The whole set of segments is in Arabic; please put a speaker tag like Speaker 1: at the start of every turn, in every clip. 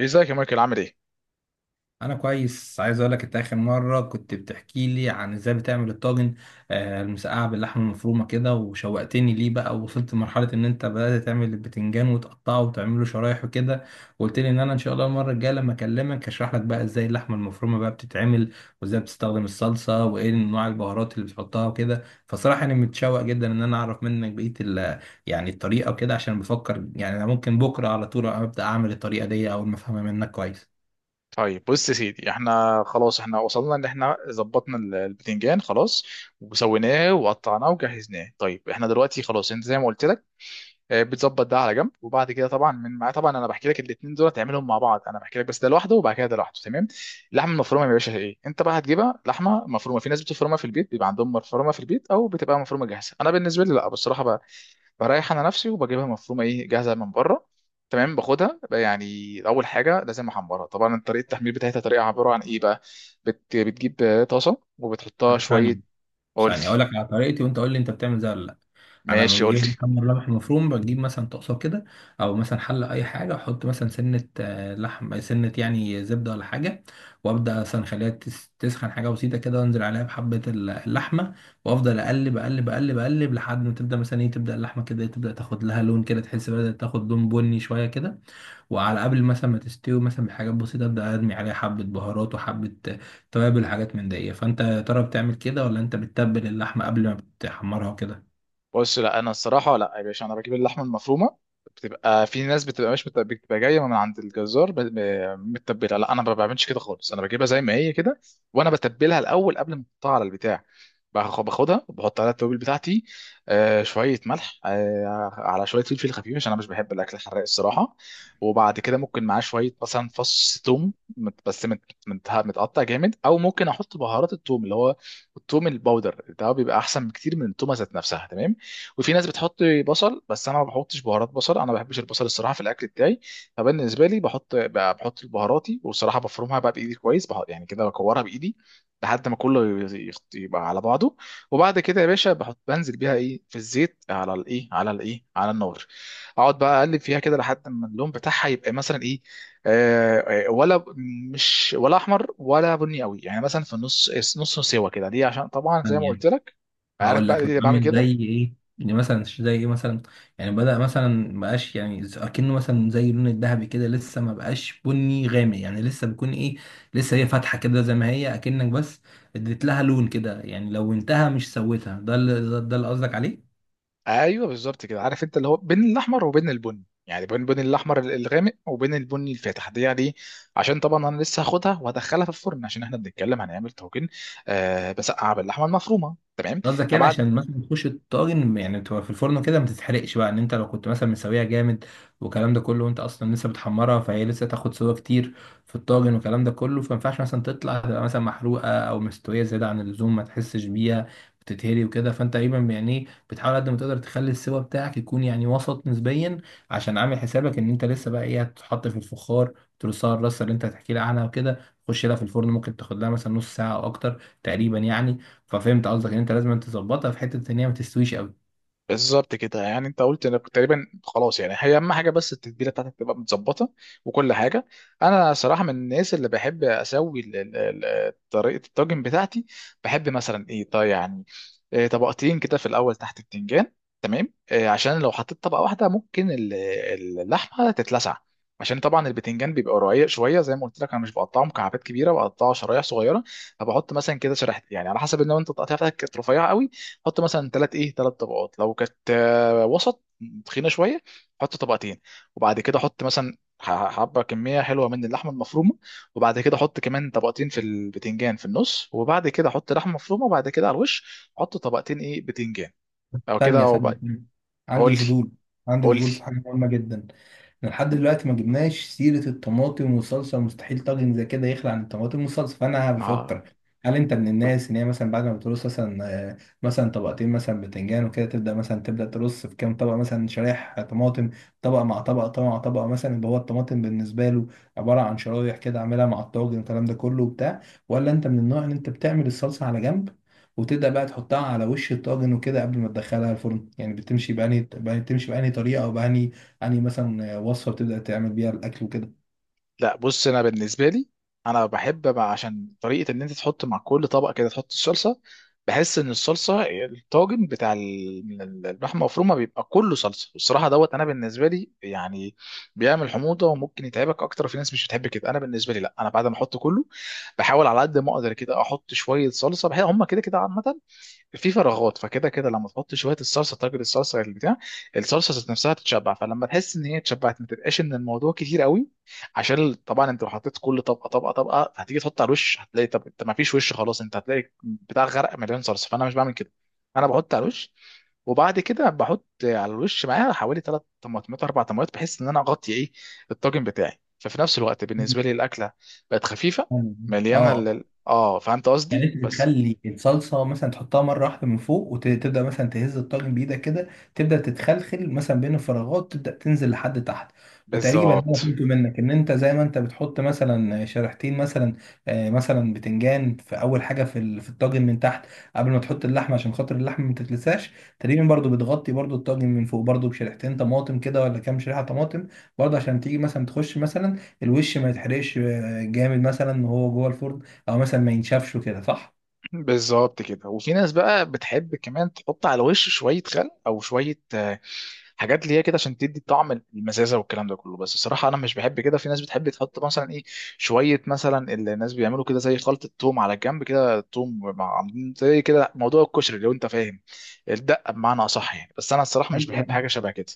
Speaker 1: ازيك يا مايكل عامل ايه؟
Speaker 2: انا كويس، عايز اقول لك انت اخر مره كنت بتحكي لي عن ازاي بتعمل الطاجن، المسقعه باللحمه المفرومه كده، وشوقتني ليه بقى. ووصلت لمرحله ان انت بدات تعمل البتنجان وتقطعه وتعمله شرايح وكده، وقلت لي ان انا ان شاء الله المره الجايه لما اكلمك هشرح لك بقى ازاي اللحمه المفرومه بقى بتتعمل، وازاي بتستخدم الصلصه، وايه انواع البهارات اللي بتحطها وكده. فصراحه انا متشوق جدا ان انا اعرف منك بقيه يعني الطريقه وكده، عشان بفكر يعني انا ممكن بكره على طول ابدا اعمل الطريقه دي اول ما افهمها منك كويس.
Speaker 1: طيب بص يا سيدي احنا خلاص وصلنا ان احنا ظبطنا البتنجان خلاص، وسويناه وقطعناه وجهزناه. طيب احنا دلوقتي خلاص، انت زي ما قلت لك، اه، بتظبط ده على جنب. وبعد كده طبعا من معاه، طبعا انا بحكي لك الاثنين دول تعملهم مع بعض، انا بحكي لك بس ده لوحده وبعد كده ده لوحده. تمام. اللحمه المفرومه يا باشا، ايه انت بقى هتجيبها؟ لحمه مفرومه في ناس بتفرمها في البيت، بيبقى عندهم مفرومه في البيت، او بتبقى مفرومه جاهزه. انا بالنسبه لي لا، بصراحه بريح انا نفسي وبجيبها مفرومه ايه، جاهزه من بره. تمام. باخدها بقى، يعني اول حاجه لازم احمرها طبعا. طريقه التحمير بتاعتها طريقه عباره عن ايه بقى؟ بتجيب طاسه وبتحطها
Speaker 2: طب ثانية.
Speaker 1: شويه.
Speaker 2: ثانية هقول
Speaker 1: قلت
Speaker 2: لك على طريقتي وانت قول لي انت بتعمل زي ولا لا. انا لما
Speaker 1: ماشي
Speaker 2: بجيب
Speaker 1: قلت.
Speaker 2: محمر لبح مفروم بجيب مثلا طاسه كده او مثلا حله اي حاجه، احط مثلا سنه، لحم سنه يعني زبده ولا حاجه، وابدا مثلا اخليها تسخن حاجه بسيطه كده، وانزل عليها بحبه اللحمه، وافضل اقلب اقلب اقلب اقلب لحد ما تبدا مثلا ايه، تبدا اللحمه كده تبدا تاخد لها لون كده، تحس بدات تاخد لون بني شويه كده. وعلى قبل مثلا ما تستوي مثلا بحاجات بسيطة أبدأ أرمي عليها حبة بهارات وحبة توابل وحاجات من دي. فأنت يا ترى بتعمل كده ولا أنت بتتبل اللحمة قبل ما بتحمرها وكده؟
Speaker 1: بص، لا انا الصراحه لا يا باشا، انا بجيب اللحمه المفرومه، بتبقى في ناس بتبقى مش مت- بتبقى جايه من عند الجزار متبله. لا انا ما بعملش كده خالص، انا بجيبها زي ما هي كده، وانا بتبلها الاول قبل ما احطها على البتاع. باخدها وبحط عليها التوابل بتاعتي، آه شويه ملح، آه على شويه فلفل خفيف، عشان انا مش بحب الاكل الحراق الصراحه. وبعد كده ممكن معاه شويه مثلا فص ثوم متقطع جامد، او ممكن احط بهارات الثوم، اللي هو الثوم الباودر ده، بيبقى احسن بكتير من التومه ذات نفسها. تمام. وفي ناس بتحط بصل، بس انا ما بحطش بهارات بصل، انا ما بحبش البصل الصراحه في الاكل بتاعي. فبالنسبه لي بحط بهاراتي، والصراحه بفرمها بقى بايدي كويس، بحط يعني كده بكورها بايدي لحد ما كله يبقى على بعضه. وبعد كده يا باشا بحط، بنزل بيها ايه في الزيت على الايه على الايه على النار، اقعد بقى اقلب فيها كده لحد ما اللون بتاعها يبقى مثلا ايه، آه آه، ولا ب- مش ولا احمر ولا بني قوي، يعني مثلا في النص، نص سوا كده. ليه؟ عشان طبعا زي ما
Speaker 2: ثانية.
Speaker 1: قلت لك، عارف
Speaker 2: هقول
Speaker 1: بقى
Speaker 2: لك
Speaker 1: ليه بعمل
Speaker 2: بعمل
Speaker 1: كده؟
Speaker 2: زي إيه؟ يعني مثلا زي إيه مثلا؟ يعني بدأ مثلا مبقاش يعني أكنه مثلا زي اللون الذهبي كده، لسه ما بقاش بني غامق، يعني لسه بيكون إيه، لسه هي فاتحة كده زي ما هي، أكنك بس اديت لها لون كده. يعني لو انتهى مش سويتها، ده اللي قصدك عليه؟
Speaker 1: ايوه بالظبط كده، عارف، انت اللي هو بين الاحمر وبين البني، يعني بين الاحمر الغامق وبين البني الفاتح دي، يعني عشان طبعا انا لسه هاخدها وهدخلها في الفرن، عشان احنا بنتكلم هنعمل طاجن، آه، بسقعه باللحمه المفرومه. تمام.
Speaker 2: قصدك يعني
Speaker 1: فبعد،
Speaker 2: عشان مثلا تخش الطاجن، يعني تبقى في الفرن كده ما تتحرقش بقى ان انت لو كنت مثلا مسويها جامد والكلام ده كله، وانت اصلا لسه بتحمرها، فهي لسه تاخد سوا كتير في الطاجن والكلام ده كله، فما ينفعش مثلا تطلع تبقى مثلا محروقه او مستويه زياده عن اللزوم ما تحسش بيها، بتتهري وكده. فانت تقريبا يعني بتحاول قد ما تقدر تخلي السوا بتاعك يكون يعني وسط نسبيا، عشان عامل حسابك ان انت لسه بقى ايه، هتتحط في الفخار، ترصها الرصه اللي انت هتحكي لي عنها وكده، تخش لها في الفرن ممكن تاخد لها مثلا نص ساعه او اكتر تقريبا يعني. ففهمت قصدك ان انت لازم أنت تظبطها في حته ان هي ما تستويش قوي.
Speaker 1: بالظبط كده، يعني انت قلت انا كنت تقريبا خلاص، يعني هي اهم حاجه بس التتبيله بتاعتك تبقى متظبطه وكل حاجه. انا صراحه من الناس اللي بحب اسوي طريقه الطاجن بتاعتي. بحب مثلا ايه، طيب يعني إيه، طبقتين كده في الاول تحت البتنجان. تمام إيه، عشان لو حطيت طبقه واحده ممكن اللحمه تتلسع، عشان طبعا البتنجان بيبقى رقيق شويه زي ما قلت لك، انا مش بقطعه مكعبات كبيره، بقطعه شرايح صغيره. فبحط مثلا كده شريحتين، يعني على حسب، ان انت التقطيع بتاعتك كانت رفيعه قوي، حط مثلا ثلاث ايه ثلاث طبقات، لو كانت وسط، تخينه شويه، حط طبقتين. وبعد كده حط مثلا حبه كميه حلوه من اللحمه المفرومه. وبعد كده حط كمان طبقتين في البتنجان في النص، وبعد كده حط لحمه مفرومه، وبعد كده على الوش حط طبقتين ايه بتنجان، او كده،
Speaker 2: ثانيه
Speaker 1: أو
Speaker 2: ثانيه
Speaker 1: بقى-
Speaker 2: ثانية.
Speaker 1: قول
Speaker 2: عندي
Speaker 1: لي
Speaker 2: فضول. عندي
Speaker 1: قول لي
Speaker 2: فضول في حاجه مهمه جدا. احنا لحد دلوقتي ما جبناش سيرة الطماطم والصلصة، مستحيل طاجن زي كده يخلع عن الطماطم والصلصة. فأنا
Speaker 1: ما.
Speaker 2: بفكر، هل أنت من الناس إن هي مثلا بعد ما بترص مثلا آه، مثلا طبقتين مثلا بتنجان وكده، تبدأ تبدأ ترص في كام طبقة مثلا شرايح طماطم، طبقة مع طبقة طبقة مع طبقة مثلا، يبقى هو الطماطم بالنسبة له عبارة عن شرايح كده، عاملها مع الطاجن والكلام ده كله وبتاع؟ ولا أنت من النوع إن أنت بتعمل الصلصة على جنب، وتبدأ بقى تحطها على وش الطاجن وكده قبل ما تدخلها الفرن؟ يعني بتمشي بأنهي طريقة، أو بأنهي يعني مثلا وصفة بتبدأ تعمل بيها الأكل وكده؟
Speaker 1: لا بص، انا بالنسبه لي، انا بحب بقى، عشان طريقه ان انت تحط مع كل طبق كده تحط الصلصه، بحس ان الصلصه، الطاجن بتاع اللحمه المفرومه بيبقى كله صلصه، والصراحه دوت انا بالنسبه لي يعني بيعمل حموضه وممكن يتعبك اكتر، في ناس مش بتحب كده. انا بالنسبه لي لا، انا بعد ما احط كله، بحاول على قد ما اقدر كده احط شويه صلصه، بحيث هم كده كده عامه في فراغات، فكده كده لما تحط شويه الصلصه، طاجن الصلصه البتاع، الصلصه ذات نفسها تتشبع، فلما تحس ان هي اتشبعت ما تبقاش ان الموضوع كتير قوي، عشان طبعا انت لو حطيت كل طبقه طبقه طبقه، هتيجي تحط على الوش هتلاقي، طب انت ما فيش وش خلاص، انت هتلاقي بتاع غرق مليان صلصه. فانا مش بعمل كده، انا بحط على الوش، وبعد كده بحط على الوش معاها حوالي ثلاث طماطمات اربع طماطمات، بحيث ان انا اغطي ايه الطاجن بتاعي، ففي نفس الوقت بالنسبه لي الاكله بقت خفيفه،
Speaker 2: مم. اه.
Speaker 1: مليانه
Speaker 2: آه.
Speaker 1: فهمت
Speaker 2: يعني
Speaker 1: قصدي.
Speaker 2: انت
Speaker 1: بس
Speaker 2: بتخلي الصلصه مثلا تحطها مره واحده من فوق، وتبدا مثلا تهز الطاجن بايدك كده، تبدا تتخلخل مثلا بين الفراغات، تبدا تنزل لحد تحت. وتقريبا انا
Speaker 1: بالظبط
Speaker 2: فهمت منك ان انت زي ما انت بتحط مثلا شريحتين مثلا، مثلا بتنجان في اول حاجه في الطاجن من تحت قبل ما تحط اللحمه عشان خاطر اللحمه ما تتلساش، تقريبا برضو بتغطي برضو الطاجن من فوق برضو بشريحتين طماطم كده، ولا كام شريحه طماطم برضو، عشان تيجي مثلا تخش مثلا الوش ما يتحرقش جامد مثلا وهو جوه الفرن، او مثلا ما ينشفش وكده، صح؟
Speaker 1: بالظبط كده. وفي ناس بقى بتحب كمان تحط على الوش شويه خل او شويه حاجات اللي هي كده، عشان تدي طعم المزازه والكلام ده كله، بس الصراحه انا مش بحب كده. في ناس بتحب تحط مثلا ايه، شويه مثلا، اللي الناس بيعملوا كده زي خلطه توم على الجنب كده، توم مع عاملين زي كده موضوع الكشري لو انت فاهم، الدقه بمعنى اصح يعني، بس انا الصراحه مش
Speaker 2: ايوه،
Speaker 1: بحب
Speaker 2: ايوه.
Speaker 1: حاجه شبه كده.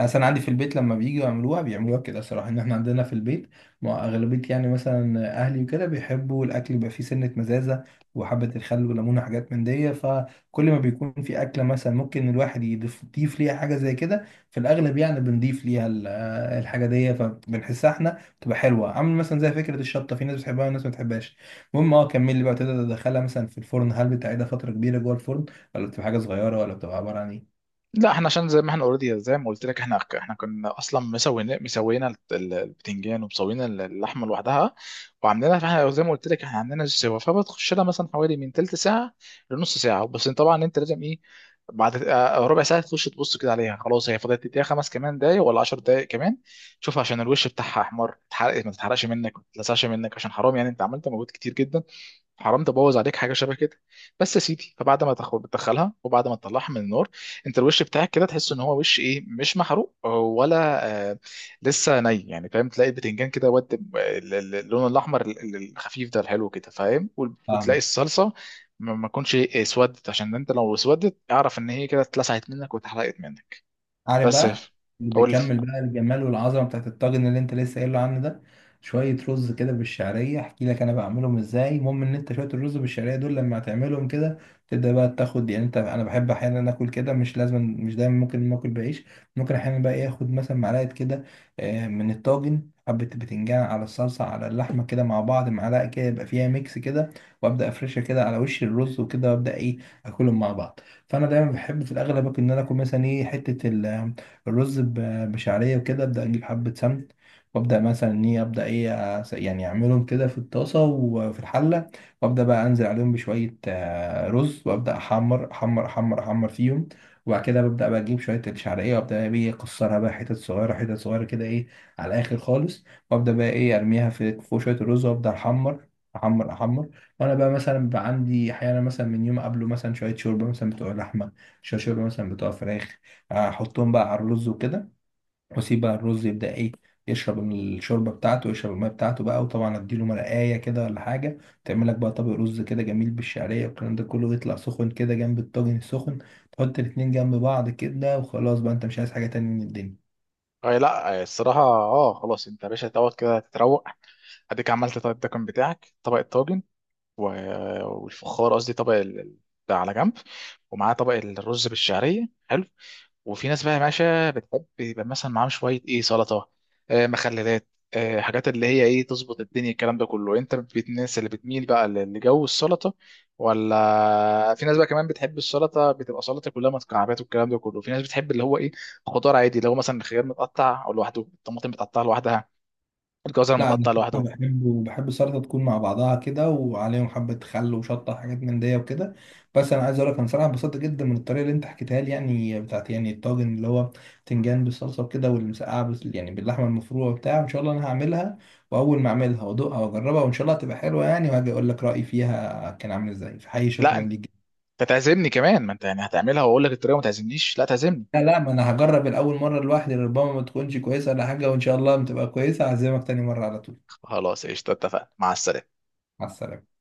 Speaker 2: اصل انا عندي في البيت لما بييجوا يعملوها بيعملوها كده الصراحه، ان احنا عندنا في البيت مع اغلبيه يعني مثلا اهلي وكده بيحبوا الاكل يبقى فيه سنه مزازه وحبه الخل والليمون وحاجات من دي. فكل ما بيكون في اكله مثلا ممكن الواحد يضيف ليها حاجه زي كده في الاغلب، يعني بنضيف ليها الحاجه دي، فبنحسها احنا تبقى حلوه، عامل مثلا زي فكره الشطه، في ناس بتحبها وناس ما بتحبهاش. المهم، كمل لي بقى. تقدر تدخلها مثلا في الفرن؟ هل بتعيدها فتره كبيره جوه الفرن، ولا بتبقى حاجه صغيره، ولا بتبقى عباره عن ايه؟
Speaker 1: لا، احنا عشان زي ما احنا اوريدي، زي ما قلت لك، احنا كنا اصلا مسوينا البتنجان، ومسوينا اللحمه لوحدها وعاملينها، فاحنا زي ما قلت لك احنا عاملينها سوا، فبتخش لها مثلا حوالي من تلت ساعه لنص ساعه. بس انت طبعا انت لازم ايه، بعد ربع ساعه تخش تبص كده عليها، خلاص هي فاضلت، تديها خمس كمان دقايق ولا 10 دقايق كمان، شوف عشان الوش بتاعها احمر تحرق، ما تتحرقش منك، ما تتلسعش منك، عشان حرام يعني انت عملت مجهود كتير جدا، حرام تبوظ عليك حاجه شبه كده. بس يا سيدي، فبعد ما تاخد بتدخلها، وبعد ما تطلعها من النار، انت الوش بتاعك كده تحس ان هو وش ايه، مش محروق ولا آه، لسه ني يعني، فاهم؟ تلاقي البتنجان كده ود اللون الاحمر الخفيف ده الحلو كده، فاهم؟ وتلاقي
Speaker 2: فاهمك.
Speaker 1: الصلصه ما تكونش إيه، اسودت، عشان انت لو اسودت اعرف ان هي كده اتلسعت منك واتحرقت منك.
Speaker 2: عارف
Speaker 1: بس يا
Speaker 2: بقى.
Speaker 1: ف-
Speaker 2: اللي
Speaker 1: قول لي.
Speaker 2: بيكمل بقى الجمال والعظمه بتاعت الطاجن اللي انت لسه قايله عنه ده، شويه رز كده بالشعريه. احكي لك انا بعملهم ازاي. المهم ان انت شويه الرز بالشعريه دول لما هتعملهم كده، تبدا بقى تاخد، يعني انت، انا بحب احيانا اكل كده، مش لازم مش دايما ممكن ناكل بعيش، ممكن احيانا بقى ايه، اخد مثلا معلقه كده من الطاجن حبة بتنجان على الصلصة على اللحمة كده مع بعض، معلقة كده يبقى فيها ميكس كده، وأبدأ أفرشها كده على وش الرز وكده، وأبدأ أكلهم مع بعض. فانا دايما بحب في الاغلب ممكن ان انا اكل مثلا حته الرز بشعريه وكده. ابدا اجيب حبه سمن، وابدا مثلا ان ابدا يعني اعملهم كده في الطاسه وفي الحله، وابدا بقى انزل عليهم بشويه رز، وابدا احمر احمر احمر احمر فيهم. وبعد كده ببدا بقى اجيب شويه الشعريه، وابدا بقى اكسرها بقى حتت صغيره حتت صغيره كده على الاخر خالص، وابدا بقى ارميها في فوق شويه الرز، وابدا احمر احمر احمر. وانا بقى مثلا بيبقى عندي احيانا مثلا من يوم قبله مثلا شويه شوربه مثلا بتوع لحمه، شويه شوربه مثلا بتوع فراخ، احطهم بقى على الرز وكده، واسيب بقى الرز يبدا يشرب الشوربه بتاعته، يشرب الميه بتاعته بقى. وطبعا اديله مرقايه كده ولا حاجه، تعمل لك بقى طبق رز كده جميل بالشعريه والكلام ده كله، يطلع سخن كده جنب الطاجن السخن، تحط الاتنين جنب بعض كده، وخلاص بقى انت مش عايز حاجه تانية من الدنيا.
Speaker 1: اي لا آه، الصراحه اه خلاص، انت يا باشا دوت كده تتروق، اديك عملت طيب الدكن بتاعك، طبق الطاجن والفخار قصدي طبق ده على جنب، ومعاه طبق الرز بالشعريه، حلو. وفي ناس بقى يا باشا بتحب يبقى مثلا معاهم شويه ايه سلطه، آه مخللات، آه حاجات اللي هي ايه تظبط الدنيا، الكلام ده كله. انت الناس اللي بتميل بقى لجو السلطه، ولا في ناس بقى كمان بتحب السلطه، بتبقى سلطه كلها مكعبات والكلام ده كله، في ناس بتحب اللي هو ايه، خضار عادي، اللي هو مثلا الخيار متقطع او لوحده، الطماطم متقطعه لوحدها، الجزر
Speaker 2: لا، انا
Speaker 1: متقطع لوحده.
Speaker 2: الصراحة بحب، السلطه تكون مع بعضها كده، وعليهم حبه خل وشطه حاجات من دي وكده. بس انا عايز اقول لك، انا صراحه انبسطت جدا من الطريقه اللي انت حكيتها لي، يعني بتاعت يعني الطاجن اللي هو بتنجان بالصلصه وكده، والمسقعه بس يعني باللحمه المفرومه وبتاع. ان شاء الله انا هعملها، واول ما اعملها وادوقها واجربها، وان شاء الله هتبقى حلوه يعني، وهاجي اقول لك رايي فيها كان عامل ازاي. فحقيقي
Speaker 1: لا،
Speaker 2: شكرا
Speaker 1: انت
Speaker 2: ليك جداً.
Speaker 1: تعزمني كمان، ما انت يعني هتعملها واقول لك الطريقه، ما تعزمنيش؟ لا تعزمني.
Speaker 2: لا، لا، ما انا هجرب الاول مره لوحدي، ربما ما تكونش كويسه ولا حاجه، وان شاء الله بتبقى كويسه هعزمك تاني مره على طول.
Speaker 1: خلاص قشطه، اتفقنا، مع السلامه.
Speaker 2: مع السلامه.